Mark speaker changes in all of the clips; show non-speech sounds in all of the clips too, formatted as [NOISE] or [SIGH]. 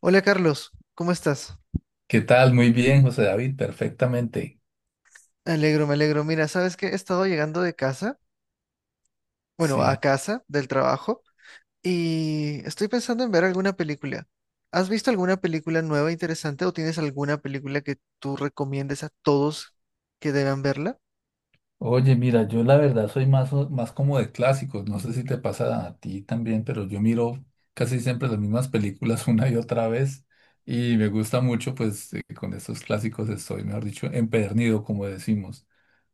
Speaker 1: Hola Carlos, ¿cómo estás?
Speaker 2: ¿Qué tal? Muy bien, José David, perfectamente.
Speaker 1: Me alegro, me alegro. Mira, ¿sabes qué? He estado llegando de casa, bueno, a
Speaker 2: Sí.
Speaker 1: casa del trabajo, y estoy pensando en ver alguna película. ¿Has visto alguna película nueva interesante o tienes alguna película que tú recomiendes a todos que deban verla?
Speaker 2: Oye, mira, yo la verdad soy más, más como de clásicos. No sé si te pasa a ti también, pero yo miro casi siempre las mismas películas [LAUGHS] una y otra vez y me gusta mucho, pues con estos clásicos estoy, mejor dicho, empedernido, como decimos.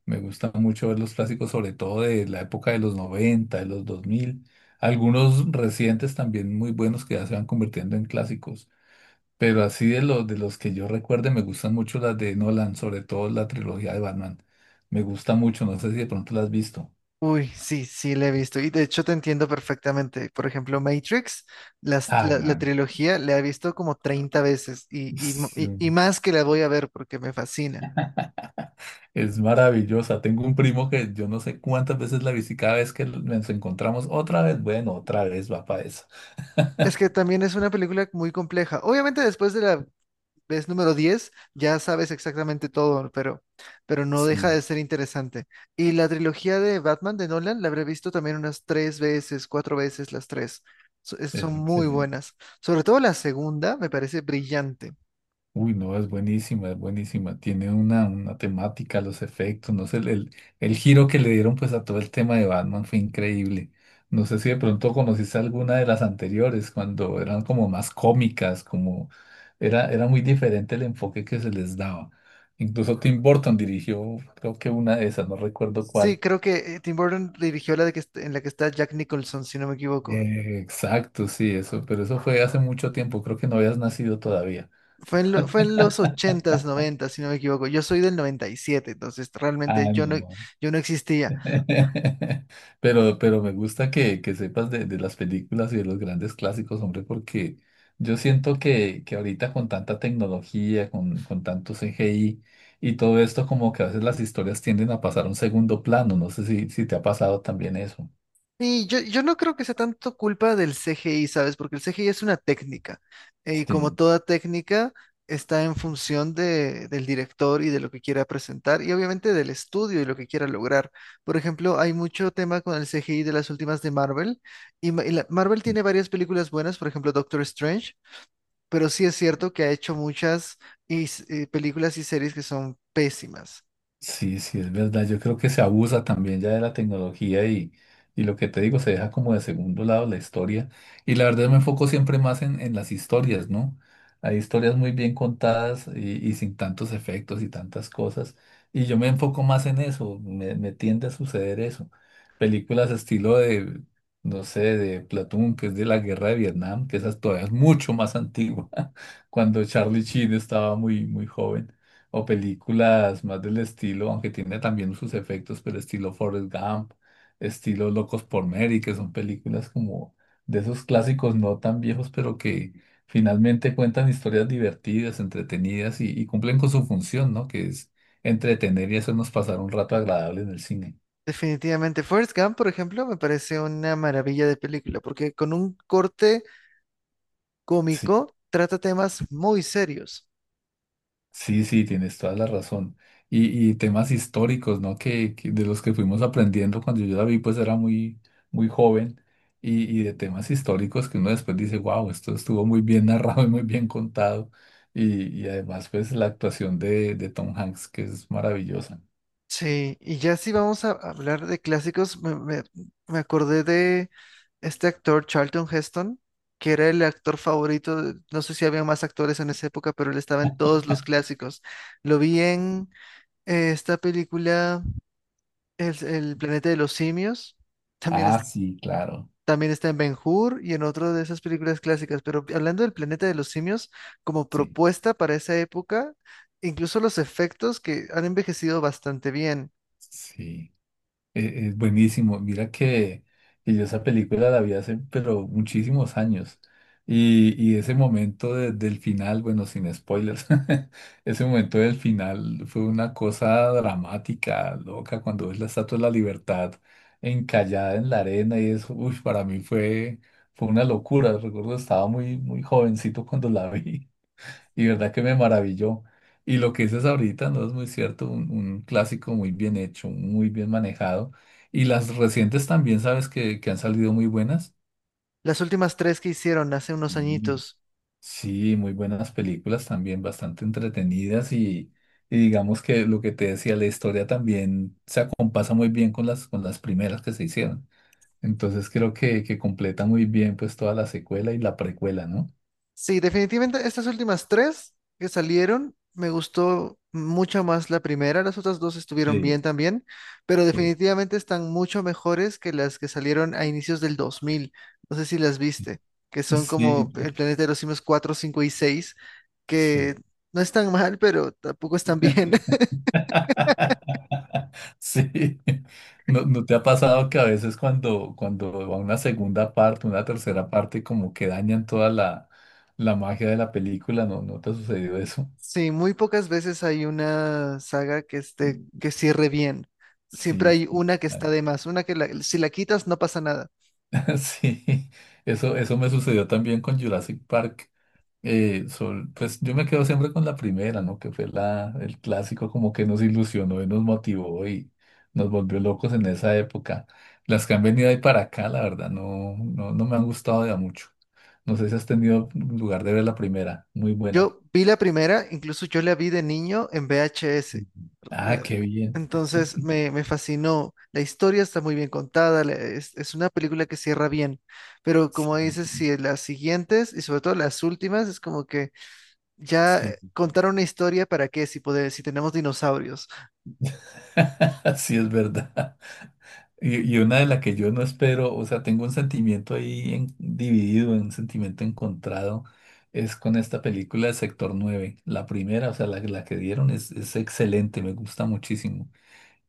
Speaker 2: Me gusta mucho ver los clásicos, sobre todo de la época de los 90, de los 2000, algunos recientes también muy buenos que ya se van convirtiendo en clásicos. Pero así de los que yo recuerde, me gustan mucho las de Nolan, sobre todo la trilogía de Batman. Me gusta mucho, no sé si de pronto la has visto.
Speaker 1: Uy, sí, sí, la he visto. Y de hecho te entiendo perfectamente. Por ejemplo, Matrix, las-
Speaker 2: Ah,
Speaker 1: la, la
Speaker 2: man,
Speaker 1: trilogía, la he visto como 30 veces y, y
Speaker 2: es,
Speaker 1: y- y más que la voy a ver porque me fascina.
Speaker 2: es maravillosa. Tengo un primo que yo no sé cuántas veces la vi, si cada vez que nos encontramos, otra vez, bueno, otra vez va para eso.
Speaker 1: Es
Speaker 2: [LAUGHS]
Speaker 1: que también es una película muy compleja. Obviamente después de la vez número 10 ya sabes exactamente todo, pero no
Speaker 2: Sí,
Speaker 1: deja de ser interesante. Y la trilogía de Batman de Nolan la habré visto también unas tres veces, cuatro veces, las tres. So- es-
Speaker 2: es
Speaker 1: Son muy
Speaker 2: excelente.
Speaker 1: buenas. Sobre todo la segunda me parece brillante.
Speaker 2: Uy, no, es buenísima, es buenísima. Tiene una temática, los efectos, no sé, el giro que le dieron pues a todo el tema de Batman fue increíble. No sé si de pronto conociste alguna de las anteriores, cuando eran como más cómicas, como era muy diferente el enfoque que se les daba. Incluso Tim Burton dirigió, creo que una de esas, no recuerdo
Speaker 1: Sí,
Speaker 2: cuál.
Speaker 1: creo que Tim Burton dirigió la de que, en la que está Jack Nicholson, si no me equivoco.
Speaker 2: Exacto, sí, eso, pero eso fue hace mucho tiempo, creo que no habías nacido todavía.
Speaker 1: Fue en los ochentas s si no me equivoco. Yo soy del noventa y siete, entonces realmente
Speaker 2: Ah,
Speaker 1: yo no,
Speaker 2: no.
Speaker 1: yo no existía.
Speaker 2: [LAUGHS] Pero me gusta que, sepas de, las películas y de los grandes clásicos, hombre, porque yo siento que ahorita con tanta tecnología, con tanto CGI y todo esto, como que a veces las historias tienden a pasar a un segundo plano. No sé si te ha pasado también eso.
Speaker 1: Sí, yo no creo que sea tanto culpa del CGI, ¿sabes? Porque el CGI es una técnica. Y como
Speaker 2: Sí.
Speaker 1: toda técnica, está en función del director y de lo que quiera presentar, y obviamente del estudio y lo que quiera lograr. Por ejemplo, hay mucho tema con el CGI de las últimas de Marvel. Marvel tiene varias películas buenas, por ejemplo, Doctor Strange, pero sí es cierto que ha hecho muchas películas y series que son pésimas.
Speaker 2: Sí, sí, es verdad. Yo creo que se abusa también ya de la tecnología y lo que te digo, se deja como de segundo lado la historia. Y la verdad me enfoco siempre más en las historias, ¿no? Hay historias muy bien contadas y sin tantos efectos y tantas cosas. Y yo me enfoco más en eso, me tiende a suceder eso. Películas estilo de, no sé, de Platoon, que es de la guerra de Vietnam, que esa todavía es mucho más antigua, [LAUGHS] cuando Charlie Sheen estaba muy, muy joven o películas más del estilo, aunque tiene también sus efectos, pero estilo Forrest Gump, estilo Locos por Mary, que son películas como de esos clásicos no tan viejos, pero que finalmente cuentan historias divertidas, entretenidas y cumplen con su función, ¿no? Que es entretener y hacernos pasar un rato agradable en el cine.
Speaker 1: Definitivamente. Forrest Gump, por ejemplo, me parece una maravilla de película, porque con un corte
Speaker 2: Sí.
Speaker 1: cómico trata temas muy serios.
Speaker 2: Sí, sí, tienes toda la razón. Y temas históricos, ¿no? Que, de los que fuimos aprendiendo cuando yo la vi, pues era muy, muy joven. Y de temas históricos que uno después dice, wow, esto estuvo muy bien narrado y muy bien contado. Y además, pues la actuación de, Tom Hanks, que es maravillosa.
Speaker 1: Sí, y ya si vamos a hablar de clásicos, me acordé de este actor Charlton Heston, que era el actor favorito. No sé si había más actores en esa época, pero él estaba en todos los clásicos. Lo vi en esta película, El planeta de los simios. también
Speaker 2: Ah,
Speaker 1: es-
Speaker 2: sí, claro.
Speaker 1: También está en Ben-Hur y en otro de esas películas clásicas, pero hablando del planeta de los simios, como
Speaker 2: Sí,
Speaker 1: propuesta para esa época, incluso los efectos que han envejecido bastante bien.
Speaker 2: sí. Es buenísimo. Mira que, yo esa película la vi hace, pero muchísimos años. Y ese momento del final, bueno, sin spoilers, [LAUGHS] ese momento del final fue una cosa dramática, loca, cuando ves la Estatua de la Libertad encallada en la arena y eso, uy, para mí fue, una locura. Recuerdo, estaba muy, muy jovencito cuando la vi. Y verdad que me maravilló. Y lo que dices ahorita no es muy cierto, un clásico muy bien hecho, muy bien manejado. Y las recientes también, sabes que, han salido muy buenas.
Speaker 1: Las últimas tres que hicieron hace unos
Speaker 2: Sí.
Speaker 1: añitos.
Speaker 2: Sí, muy buenas películas también, bastante entretenidas y digamos que lo que te decía, la historia también se acompasa muy bien con las, primeras que se hicieron. Entonces creo que, completa muy bien pues toda la secuela y la precuela, ¿no?
Speaker 1: Sí, definitivamente estas últimas tres que salieron, me gustó mucho más la primera, las otras dos estuvieron bien
Speaker 2: Sí,
Speaker 1: también, pero
Speaker 2: sí.
Speaker 1: definitivamente están mucho mejores que las que salieron a inicios del 2000, no sé si las viste, que son
Speaker 2: Sí,
Speaker 1: como El planeta de los simios 4, 5 y 6,
Speaker 2: sí.
Speaker 1: que no están mal, pero tampoco están bien. [LAUGHS]
Speaker 2: [LAUGHS] Sí, ¿No, ¿no te ha pasado que a veces cuando, va una segunda parte, una tercera parte, como que dañan toda la magia de la película? ¿No, no te ha sucedido eso?
Speaker 1: Sí, muy pocas veces hay una saga que esté, que cierre bien. Siempre
Speaker 2: Sí,
Speaker 1: hay
Speaker 2: sí,
Speaker 1: una que está de más, una que si la quitas no pasa nada.
Speaker 2: [LAUGHS] sí, eso me sucedió también con Jurassic Park. Pues yo me quedo siempre con la primera, ¿no? Que fue el clásico como que nos ilusionó y nos motivó y nos volvió locos en esa época. Las que han venido ahí para acá, la verdad, no, no, no me han gustado de a mucho. No sé si has tenido lugar de ver la primera, muy buena.
Speaker 1: Yo vi la primera, incluso yo la vi de niño en VHS.
Speaker 2: Sí, ah,
Speaker 1: eh,
Speaker 2: qué bien.
Speaker 1: Entonces
Speaker 2: [LAUGHS]
Speaker 1: me fascinó. La historia está muy bien contada, es una película que cierra bien, pero como
Speaker 2: Sí.
Speaker 1: dices, si las siguientes y sobre todo las últimas es como que ya
Speaker 2: Sí,
Speaker 1: contaron una historia para qué, si poder, si tenemos dinosaurios.
Speaker 2: [LAUGHS] sí es verdad. Y una de las que yo no espero, o sea, tengo un sentimiento ahí dividido, un sentimiento encontrado, es con esta película de Sector 9. La primera, o sea, la que dieron es excelente, me gusta muchísimo.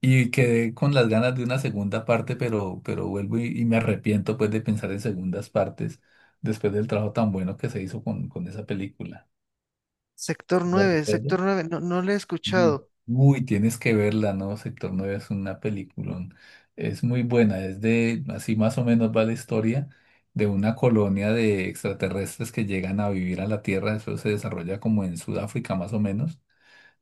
Speaker 2: Y quedé con las ganas de una segunda parte, pero vuelvo y me arrepiento pues de pensar en segundas partes después del trabajo tan bueno que se hizo con esa película.
Speaker 1: Sector
Speaker 2: ¿Me
Speaker 1: nueve,
Speaker 2: recuerdas?
Speaker 1: Sector nueve. No, no la he
Speaker 2: Sí.
Speaker 1: escuchado.
Speaker 2: Uy, tienes que verla, ¿no? Sector 9 es una película. Es muy buena, es de, así más o menos va la historia de una colonia de extraterrestres que llegan a vivir a la Tierra. Eso se desarrolla como en Sudáfrica, más o menos.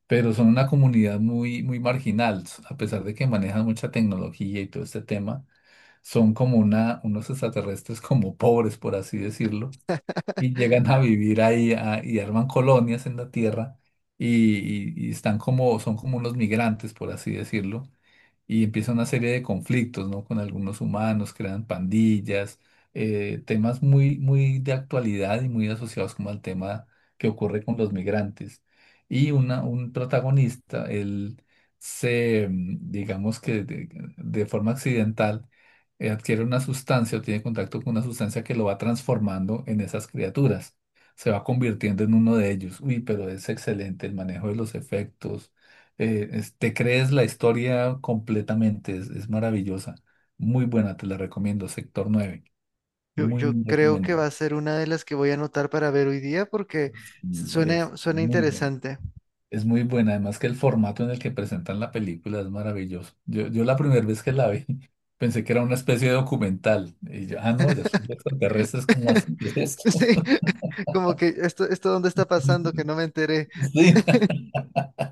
Speaker 2: Pero son una comunidad muy, muy marginal, a pesar de que manejan mucha tecnología y todo este tema. Son como unos extraterrestres como pobres, por así decirlo, y llegan a vivir ahí y arman colonias en la tierra y, y están como, son como unos migrantes, por así decirlo, y empieza una serie de conflictos, ¿no? Con algunos humanos, crean pandillas, temas muy, muy de actualidad y muy asociados como al tema que ocurre con los migrantes. Y un protagonista, él se, digamos que de, forma accidental, adquiere una sustancia o tiene contacto con una sustancia que lo va transformando en esas criaturas. Se va convirtiendo en uno de ellos. Uy, pero es excelente el manejo de los efectos. Te crees la historia completamente, es maravillosa, muy buena, te la recomiendo, Sector 9, muy,
Speaker 1: Yo
Speaker 2: muy
Speaker 1: creo que va
Speaker 2: recomendada,
Speaker 1: a ser una de las que voy a anotar para ver hoy día, porque
Speaker 2: sí,
Speaker 1: suena interesante.
Speaker 2: es muy buena, además que el formato en el que presentan la película es maravilloso. Yo la primera vez que la vi [LAUGHS] pensé que era una especie de documental, y yo, ah, no, ya son extraterrestres, ¿cómo así? ¿Qué es
Speaker 1: Sí,
Speaker 2: esto?
Speaker 1: [LAUGHS] como que esto, dónde está
Speaker 2: [LAUGHS] Sí,
Speaker 1: pasando que
Speaker 2: sí,
Speaker 1: no me enteré.
Speaker 2: [LAUGHS]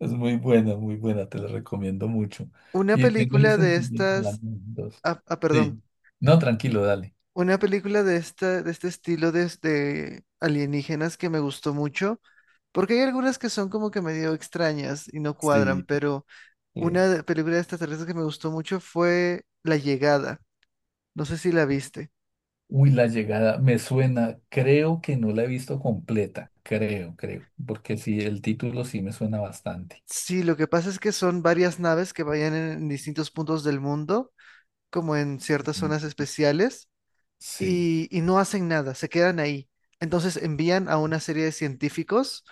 Speaker 2: es muy buena, te la recomiendo mucho.
Speaker 1: Una
Speaker 2: Y tengo el
Speaker 1: película de
Speaker 2: sentimiento de las
Speaker 1: estas,
Speaker 2: dos.
Speaker 1: Ah, ah, perdón,
Speaker 2: Sí. No, tranquilo, dale.
Speaker 1: una película de esta, de este estilo de alienígenas que me gustó mucho, porque hay algunas que son como que medio extrañas y no cuadran,
Speaker 2: Sí.
Speaker 1: pero
Speaker 2: eh,
Speaker 1: una película de extraterrestres que me gustó mucho fue La Llegada. No sé si la viste.
Speaker 2: Uy, la llegada me suena, creo que no la he visto completa, creo, creo, porque sí, el título sí me suena bastante.
Speaker 1: Sí, lo que pasa es que son varias naves que vayan en distintos puntos del mundo, como en ciertas zonas
Speaker 2: Mm.
Speaker 1: especiales,
Speaker 2: Sí.
Speaker 1: y no hacen nada, se quedan ahí. Entonces envían a una serie de científicos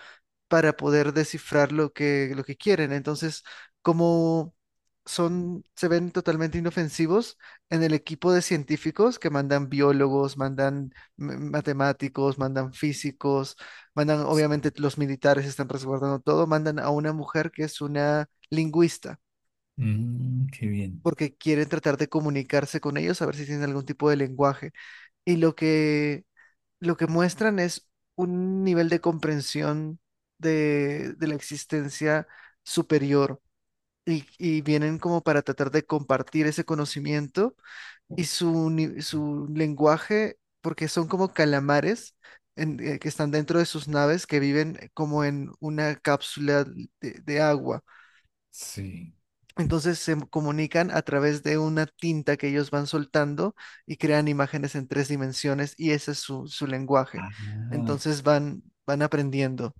Speaker 1: para poder descifrar lo que quieren. Entonces, como son, se ven totalmente inofensivos, en el equipo de científicos que mandan biólogos, mandan matemáticos, mandan físicos, mandan,
Speaker 2: Sí.
Speaker 1: obviamente los militares están resguardando todo, mandan a una mujer que es una lingüista,
Speaker 2: Mm, qué bien.
Speaker 1: porque quieren tratar de comunicarse con ellos, a ver si tienen algún tipo de lenguaje. Y lo que muestran es un nivel de comprensión de, la existencia superior, y vienen como para tratar de compartir ese conocimiento y su, ni- su lenguaje, porque son como calamares, que están dentro de sus naves, que viven como en una cápsula de agua.
Speaker 2: Sí.
Speaker 1: Entonces se comunican a través de una tinta que ellos van soltando y crean imágenes en tres dimensiones, y ese es su lenguaje.
Speaker 2: Ah.
Speaker 1: Entonces van aprendiendo.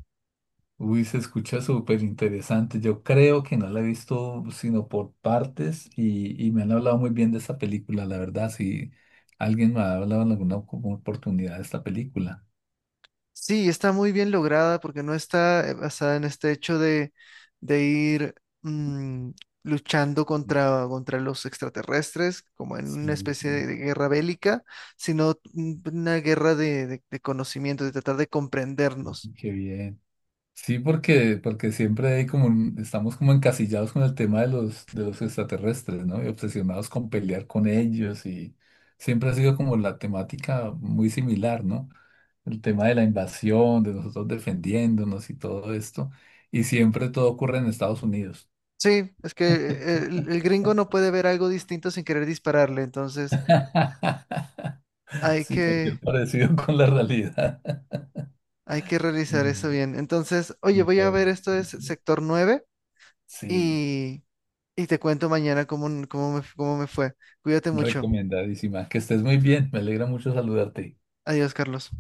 Speaker 2: Uy, se escucha súper interesante. Yo creo que no la he visto sino por partes y me han hablado muy bien de esta película, la verdad. Si alguien me ha hablado en alguna como oportunidad de esta película.
Speaker 1: Sí, está muy bien lograda porque no está basada en este hecho de, ir, mm, luchando contra los extraterrestres, como en una
Speaker 2: Sí,
Speaker 1: especie
Speaker 2: sí,
Speaker 1: de guerra bélica, sino, una guerra de, de conocimiento, de tratar de comprendernos.
Speaker 2: qué bien. Sí, porque siempre hay como estamos como encasillados con el tema de los, extraterrestres, ¿no? Y obsesionados con pelear con ellos y siempre ha sido como la temática muy similar, ¿no? El tema de la invasión, de nosotros defendiéndonos y todo esto. Y siempre todo ocurre en Estados Unidos.
Speaker 1: Sí, es que el gringo no puede ver algo distinto sin querer dispararle, entonces
Speaker 2: [LAUGHS]
Speaker 1: hay
Speaker 2: Sí, cualquier
Speaker 1: que,
Speaker 2: parecido con la realidad.
Speaker 1: hay que realizar eso
Speaker 2: Mm,
Speaker 1: bien. Entonces, oye, voy a
Speaker 2: no,
Speaker 1: ver esto, es Sector nueve,
Speaker 2: sí,
Speaker 1: y, y te cuento mañana cómo me fue. Cuídate mucho.
Speaker 2: recomendadísima. Que estés muy bien. Me alegra mucho saludarte.
Speaker 1: Adiós, Carlos.